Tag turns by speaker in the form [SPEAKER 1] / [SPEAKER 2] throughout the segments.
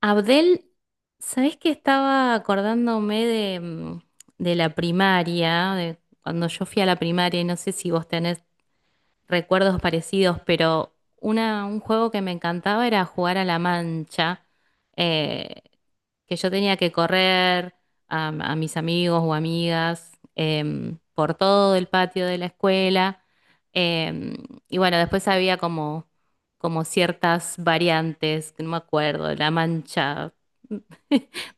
[SPEAKER 1] Abdel, ¿sabés que estaba acordándome de, de la primaria, de cuando yo fui a la primaria, y no sé si vos tenés recuerdos parecidos, pero un juego que me encantaba era jugar a la mancha, eh, que yo tenía que correr a mis amigos o amigas por todo el patio de la escuela. em, y bueno, después había como, como ciertas variantes, que no me acuerdo, la mancha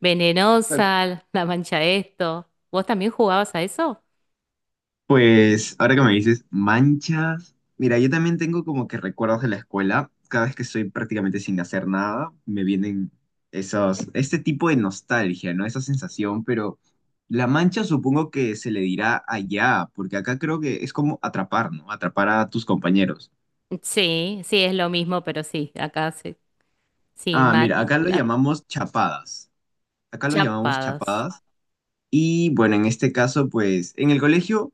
[SPEAKER 2] Bueno,
[SPEAKER 1] venenosa, la mancha esto. ¿Vos también jugabas a eso?
[SPEAKER 2] pues ahora que me dices manchas, mira, yo también tengo como que recuerdos de la escuela. Cada vez que estoy prácticamente sin hacer nada, me vienen esos, este tipo de nostalgia, ¿no? Esa sensación, pero la mancha supongo que se le dirá allá, porque acá creo que es como atrapar, ¿no? Atrapar a tus compañeros.
[SPEAKER 1] Sí, sí, es lo mismo, pero sí, acá sí. Sí,
[SPEAKER 2] Ah, mira,
[SPEAKER 1] mal,
[SPEAKER 2] acá lo llamamos chapadas. Acá lo llamamos
[SPEAKER 1] chapadas.
[SPEAKER 2] chapadas. Y bueno, en este caso, pues en el colegio...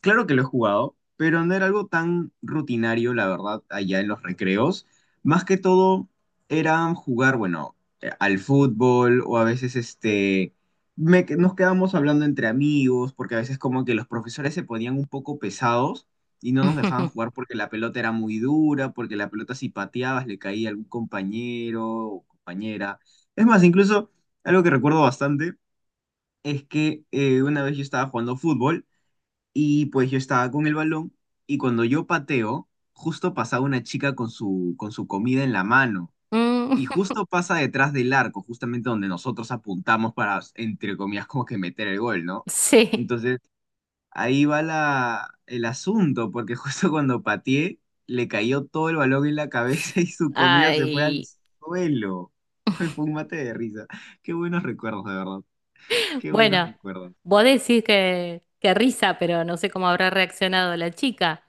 [SPEAKER 2] Claro que lo he jugado, pero no era algo tan rutinario, la verdad, allá en los recreos. Más que todo era jugar, bueno, al fútbol o a veces este, nos quedábamos hablando entre amigos, porque a veces como que los profesores se ponían un poco pesados y no nos dejaban jugar porque la pelota era muy dura, porque la pelota si pateabas le caía a algún compañero o compañera. Es más, incluso algo que recuerdo bastante es que una vez yo estaba jugando fútbol. Y pues yo estaba con el balón y cuando yo pateo, justo pasaba una chica con su comida en la mano.
[SPEAKER 1] Mm,
[SPEAKER 2] Y justo pasa detrás del arco, justamente donde nosotros apuntamos para, entre comillas, como que meter el gol, ¿no?
[SPEAKER 1] sí.
[SPEAKER 2] Entonces, ahí va la, el asunto, porque justo cuando pateé, le cayó todo el balón en la cabeza y su comida se fue al
[SPEAKER 1] Ay.
[SPEAKER 2] suelo. Fue un mate de risa. Qué buenos recuerdos, de verdad. Qué buenos
[SPEAKER 1] Bueno,
[SPEAKER 2] recuerdos.
[SPEAKER 1] vos decís que risa, pero no sé cómo habrá reaccionado la chica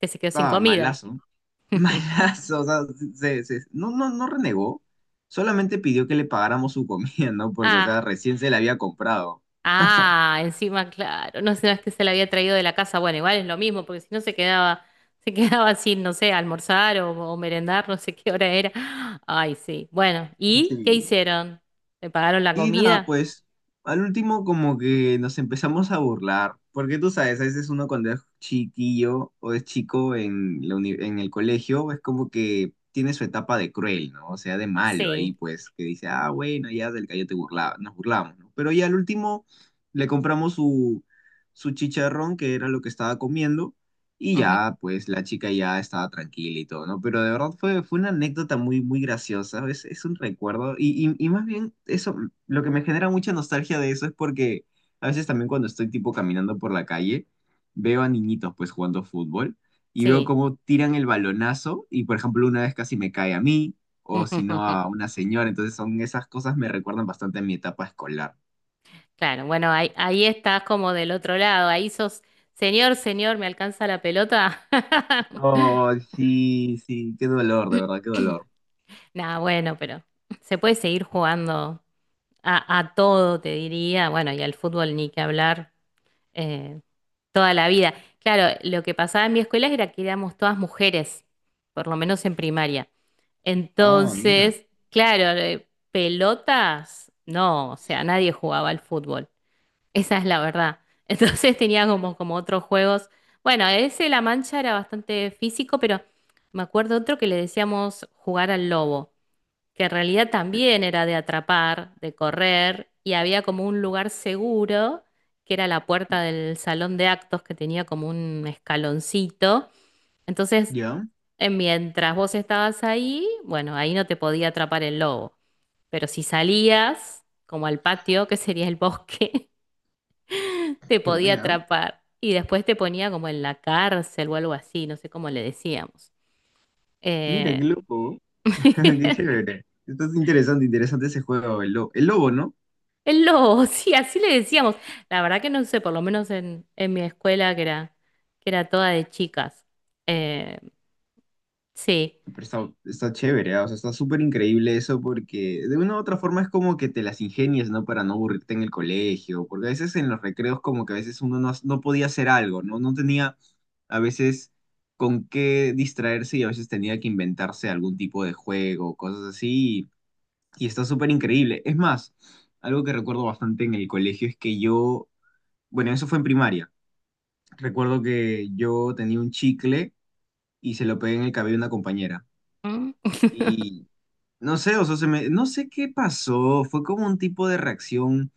[SPEAKER 1] que se quedó sin
[SPEAKER 2] Estaba
[SPEAKER 1] comida.
[SPEAKER 2] malazo. Malazo, o sea, se, no, no, no renegó, solamente pidió que le pagáramos su comida, ¿no? Porque, o sea,
[SPEAKER 1] Ah,
[SPEAKER 2] recién se la había comprado.
[SPEAKER 1] ah, encima, claro. No sé, no es que se la había traído de la casa. Bueno, igual es lo mismo, porque si no se quedaba, se quedaba sin, no sé, almorzar o merendar, no sé qué hora era. Ay, sí. Bueno, ¿y qué hicieron? ¿Le pagaron la
[SPEAKER 2] Y nada,
[SPEAKER 1] comida?
[SPEAKER 2] pues al último como que nos empezamos a burlar, porque tú sabes, a veces uno cuando es chiquillo o es chico en, en el colegio es como que tiene su etapa de cruel, ¿no? O sea, de malo ahí,
[SPEAKER 1] Sí.
[SPEAKER 2] pues, que dice, ah, bueno, ya del gallo te burlaba, nos burlamos, ¿no? Pero ya al último le compramos su, su chicharrón, que era lo que estaba comiendo. Y
[SPEAKER 1] Ujú,
[SPEAKER 2] ya, pues la chica ya estaba tranquila y todo, ¿no? Pero de verdad fue, fue una anécdota muy, muy graciosa, es un recuerdo. Y más bien, eso, lo que me genera mucha nostalgia de eso es porque a veces también cuando estoy tipo caminando por la calle, veo a niñitos pues jugando fútbol y veo
[SPEAKER 1] sí.
[SPEAKER 2] cómo tiran el balonazo y por ejemplo una vez casi me cae a mí o si no a una señora, entonces son esas cosas me recuerdan bastante a mi etapa escolar.
[SPEAKER 1] Claro, bueno, ahí, ahí estás como del otro lado, ahí sos, señor, señor, ¿me alcanza la pelota?
[SPEAKER 2] Oh, sí, sí, qué dolor, de verdad, qué dolor.
[SPEAKER 1] Nada, bueno, pero se puede seguir jugando a todo, te diría, bueno, y al fútbol ni que hablar, eh, toda la vida. Claro, lo que pasaba en mi escuela era que éramos todas mujeres, por lo menos en primaria.
[SPEAKER 2] Ah, mira.
[SPEAKER 1] Entonces, claro, pelotas, no, o sea, nadie jugaba al fútbol. Esa es la verdad. Entonces tenía como, como otros juegos. Bueno, ese La Mancha era bastante físico, pero me acuerdo otro que le decíamos jugar al lobo, que en realidad también era de atrapar, de correr, y había como un lugar seguro, que era la puerta del salón de actos, que tenía como un escaloncito. Entonces,
[SPEAKER 2] ¿Ya?
[SPEAKER 1] mientras vos estabas ahí, bueno, ahí no te podía atrapar el lobo, pero si salías, como al patio, que sería el bosque, te
[SPEAKER 2] Qué
[SPEAKER 1] podía
[SPEAKER 2] buena.
[SPEAKER 1] atrapar y después te ponía como en la cárcel o algo así, no sé cómo le decíamos.
[SPEAKER 2] Mira, qué
[SPEAKER 1] Eh,
[SPEAKER 2] loco. Qué chévere. Está interesante, interesante ese juego, el lobo. El lobo, ¿no?
[SPEAKER 1] el lobo, sí, así le decíamos. La verdad que no sé, por lo menos en mi escuela que era toda de chicas. Eh, sí.
[SPEAKER 2] Pero está, está chévere, ¿ah? O sea, está súper increíble eso porque de una u otra forma es como que te las ingenias, ¿no? Para no aburrirte en el colegio, porque a veces en los recreos como que a veces uno no, no podía hacer algo, ¿no? No tenía a veces con qué distraerse y a veces tenía que inventarse algún tipo de juego, cosas así, y está súper increíble. Es más, algo que recuerdo bastante en el colegio es que yo, bueno, eso fue en primaria. Recuerdo que yo tenía un chicle y se lo pegué en el cabello a una compañera.
[SPEAKER 1] Mm.
[SPEAKER 2] Y no sé, o sea, se me, no sé qué pasó. Fue como un tipo de reacción,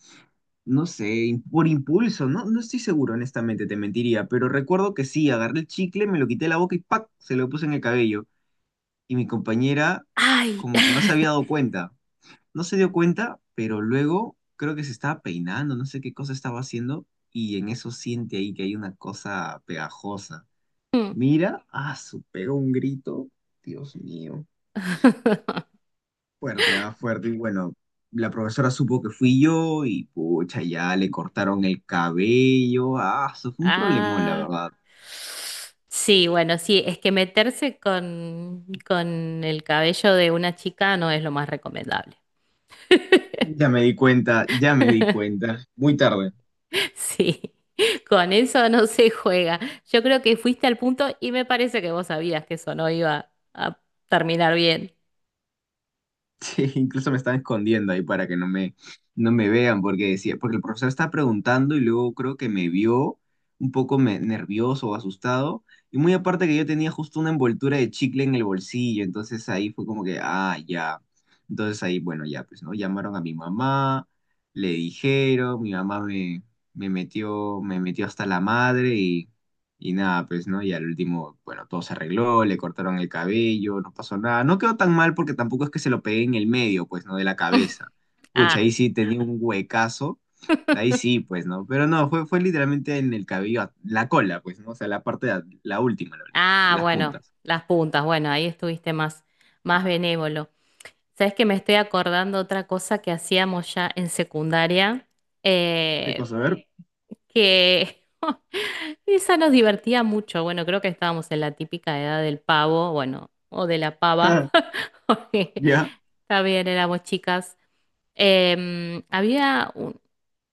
[SPEAKER 2] no sé, por impulso. No, no estoy seguro, honestamente, te mentiría. Pero recuerdo que sí, agarré el chicle, me lo quité de la boca y ¡pac! Se lo puse en el cabello. Y mi compañera
[SPEAKER 1] Ay.
[SPEAKER 2] como que no se había dado cuenta. No se dio cuenta, pero luego creo que se estaba peinando, no sé qué cosa estaba haciendo. Y en eso siente ahí que hay una cosa pegajosa. Mira, ah, su pega un grito, Dios mío, fuerte, ah, fuerte. Y bueno, la profesora supo que fui yo y pucha, ya le cortaron el cabello, ah, eso fue un problemón, la
[SPEAKER 1] Ah.
[SPEAKER 2] verdad.
[SPEAKER 1] Sí, bueno, sí, es que meterse con el cabello de una chica no es lo más recomendable.
[SPEAKER 2] Ya me di cuenta, ya me di cuenta, muy tarde.
[SPEAKER 1] Sí, con eso no se juega. Yo creo que fuiste al punto y me parece que vos sabías que eso no iba a terminar bien.
[SPEAKER 2] Sí, incluso me estaba escondiendo ahí para que no me, no me vean, porque decía, porque el profesor estaba preguntando y luego creo que me vio un poco nervioso o asustado. Y muy aparte que yo tenía justo una envoltura de chicle en el bolsillo, entonces ahí fue como que, ah, ya. Entonces ahí, bueno, ya, pues, ¿no? Llamaron a mi mamá, le dijeron, mi mamá me, me metió hasta la madre y nada, pues, ¿no? Y al último, bueno, todo se arregló, le cortaron el cabello, no pasó nada. No quedó tan mal porque tampoco es que se lo pegué en el medio, pues, ¿no? De la cabeza. Pucha,
[SPEAKER 1] Ah,
[SPEAKER 2] ahí sí tenía un huecazo. Ahí sí, pues, ¿no? Pero no, fue, fue literalmente en el cabello, la cola, pues, ¿no? O sea, la parte, la última,
[SPEAKER 1] ah,
[SPEAKER 2] las
[SPEAKER 1] bueno,
[SPEAKER 2] puntas.
[SPEAKER 1] las puntas, bueno, ahí estuviste más, más benévolo. ¿Sabes que me estoy acordando otra cosa que hacíamos ya en secundaria?
[SPEAKER 2] ¿Qué
[SPEAKER 1] Eh,
[SPEAKER 2] cosa? A ver.
[SPEAKER 1] que esa nos divertía mucho. Bueno, creo que estábamos en la típica edad del pavo, bueno, o de la pava, porque
[SPEAKER 2] Ya,
[SPEAKER 1] también éramos chicas. Em, había un-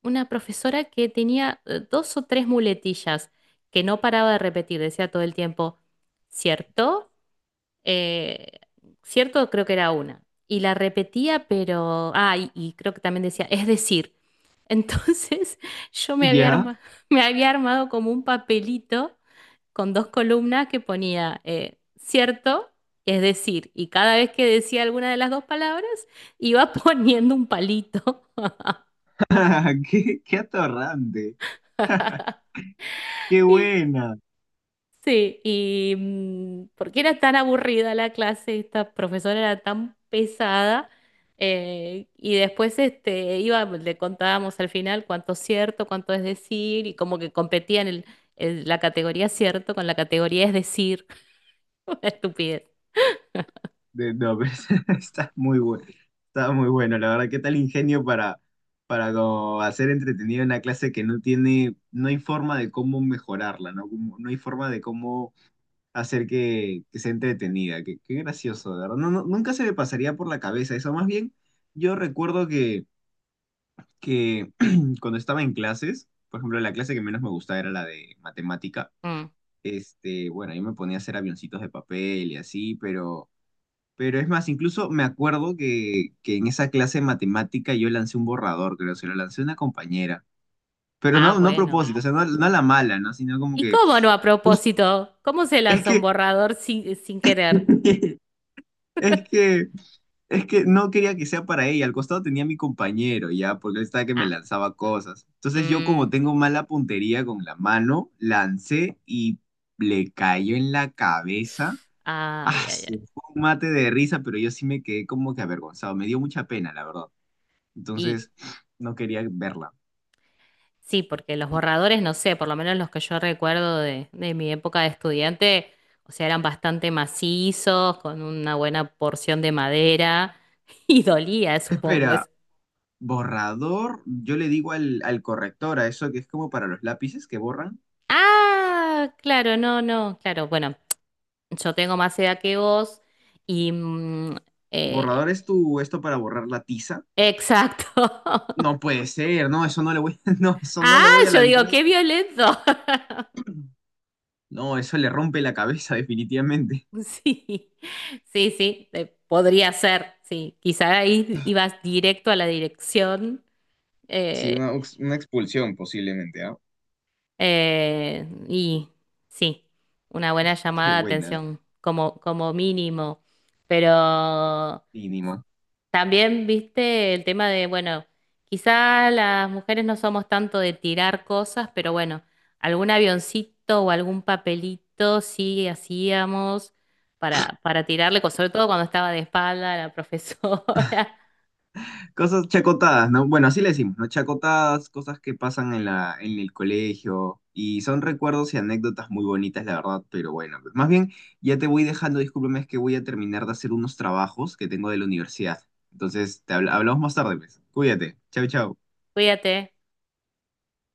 [SPEAKER 1] una profesora que tenía dos o tres muletillas que no paraba de repetir, decía todo el tiempo, ¿cierto? Eh, ¿Cierto? Creo que era una. Y la repetía, pero... Ah, y creo que también decía, es decir. Entonces yo me había
[SPEAKER 2] ya.
[SPEAKER 1] arma- me había armado como un papelito con dos columnas que ponía, ¿cierto? Es decir, y cada vez que decía alguna de las dos palabras, iba poniendo un palito.
[SPEAKER 2] Qué, qué atorrante. Qué
[SPEAKER 1] Sí,
[SPEAKER 2] buena.
[SPEAKER 1] sí, y porque era tan aburrida la clase, esta profesora era tan pesada, y después este, iba, le contábamos al final cuánto es cierto, cuánto es decir, y como que competían la categoría cierto con la categoría es decir. Una estupidez.
[SPEAKER 2] No, pero está muy bueno, está muy bueno, la verdad, qué tal ingenio para como hacer entretenido una clase que no tiene, no hay forma de cómo mejorarla, ¿no? No hay forma de cómo hacer que sea entretenida, qué, qué gracioso, de verdad, no, nunca se me pasaría por la cabeza eso, más bien, yo recuerdo que cuando estaba en clases, por ejemplo, la clase que menos me gustaba era la de matemática,
[SPEAKER 1] Mm.
[SPEAKER 2] este, bueno, yo me ponía a hacer avioncitos de papel y así, pero... Pero es más, incluso me acuerdo que en esa clase de matemática yo lancé un borrador, creo, se lo lancé a una compañera. Pero
[SPEAKER 1] Ah,
[SPEAKER 2] no, no a
[SPEAKER 1] bueno.
[SPEAKER 2] propósito, o sea, no, no a la mala, ¿no? Sino como
[SPEAKER 1] ¿Y
[SPEAKER 2] que...
[SPEAKER 1] cómo no a
[SPEAKER 2] jus-
[SPEAKER 1] propósito? ¿Cómo se
[SPEAKER 2] es
[SPEAKER 1] lanza un
[SPEAKER 2] que,
[SPEAKER 1] borrador sin, sin querer?
[SPEAKER 2] es que, es que no quería que sea para ella. Al costado tenía a mi compañero, ya, porque él estaba que me
[SPEAKER 1] Ah,
[SPEAKER 2] lanzaba cosas. Entonces yo como
[SPEAKER 1] mm,
[SPEAKER 2] tengo mala puntería con la mano, lancé y le cayó en la cabeza.
[SPEAKER 1] ay,
[SPEAKER 2] Ah,
[SPEAKER 1] ay,
[SPEAKER 2] fue un mate de risa, pero yo sí me quedé como que avergonzado. Me dio mucha pena, la verdad.
[SPEAKER 1] ay.
[SPEAKER 2] Entonces, no quería verla.
[SPEAKER 1] Sí, porque los borradores, no sé, por lo menos los que yo recuerdo de mi época de estudiante, o sea, eran bastante macizos, con una buena porción de madera y dolía, supongo.
[SPEAKER 2] Espera,
[SPEAKER 1] Es-
[SPEAKER 2] borrador, yo le digo al, al corrector, a eso que es como para los lápices que borran.
[SPEAKER 1] ah, claro, no, no, claro, bueno, yo tengo más edad que vos y... eh,
[SPEAKER 2] Borrador es tu, esto para borrar la tiza.
[SPEAKER 1] exacto.
[SPEAKER 2] No puede ser, no, eso no le voy, no, eso no
[SPEAKER 1] Ah,
[SPEAKER 2] le voy a
[SPEAKER 1] yo digo,
[SPEAKER 2] lanzar.
[SPEAKER 1] qué violento.
[SPEAKER 2] No, eso le rompe la cabeza definitivamente.
[SPEAKER 1] Sí, sí, sí, podría ser, sí, quizá ahí ibas directo a la dirección.
[SPEAKER 2] Sí,
[SPEAKER 1] eh,
[SPEAKER 2] una, una expulsión posiblemente, ¿ah?
[SPEAKER 1] y sí, una buena
[SPEAKER 2] Qué
[SPEAKER 1] llamada de
[SPEAKER 2] buena.
[SPEAKER 1] atención como, como mínimo. Pero
[SPEAKER 2] Mínimo
[SPEAKER 1] también viste el tema de, bueno, quizás las mujeres no somos tanto de tirar cosas, pero bueno, algún avioncito o algún papelito sí hacíamos para tirarle, co- sobre todo cuando estaba de espalda la profesora.
[SPEAKER 2] cosas chacotadas, ¿no? Bueno, así le decimos, ¿no? Chacotadas, cosas que pasan en la, en el colegio y son recuerdos y anécdotas muy bonitas, la verdad, pero bueno, pues, más bien ya te voy dejando, discúlpame, es que voy a terminar de hacer unos trabajos que tengo de la universidad. Entonces, hablamos más tarde, pues. Cuídate. Chau, chau.
[SPEAKER 1] Cuídate.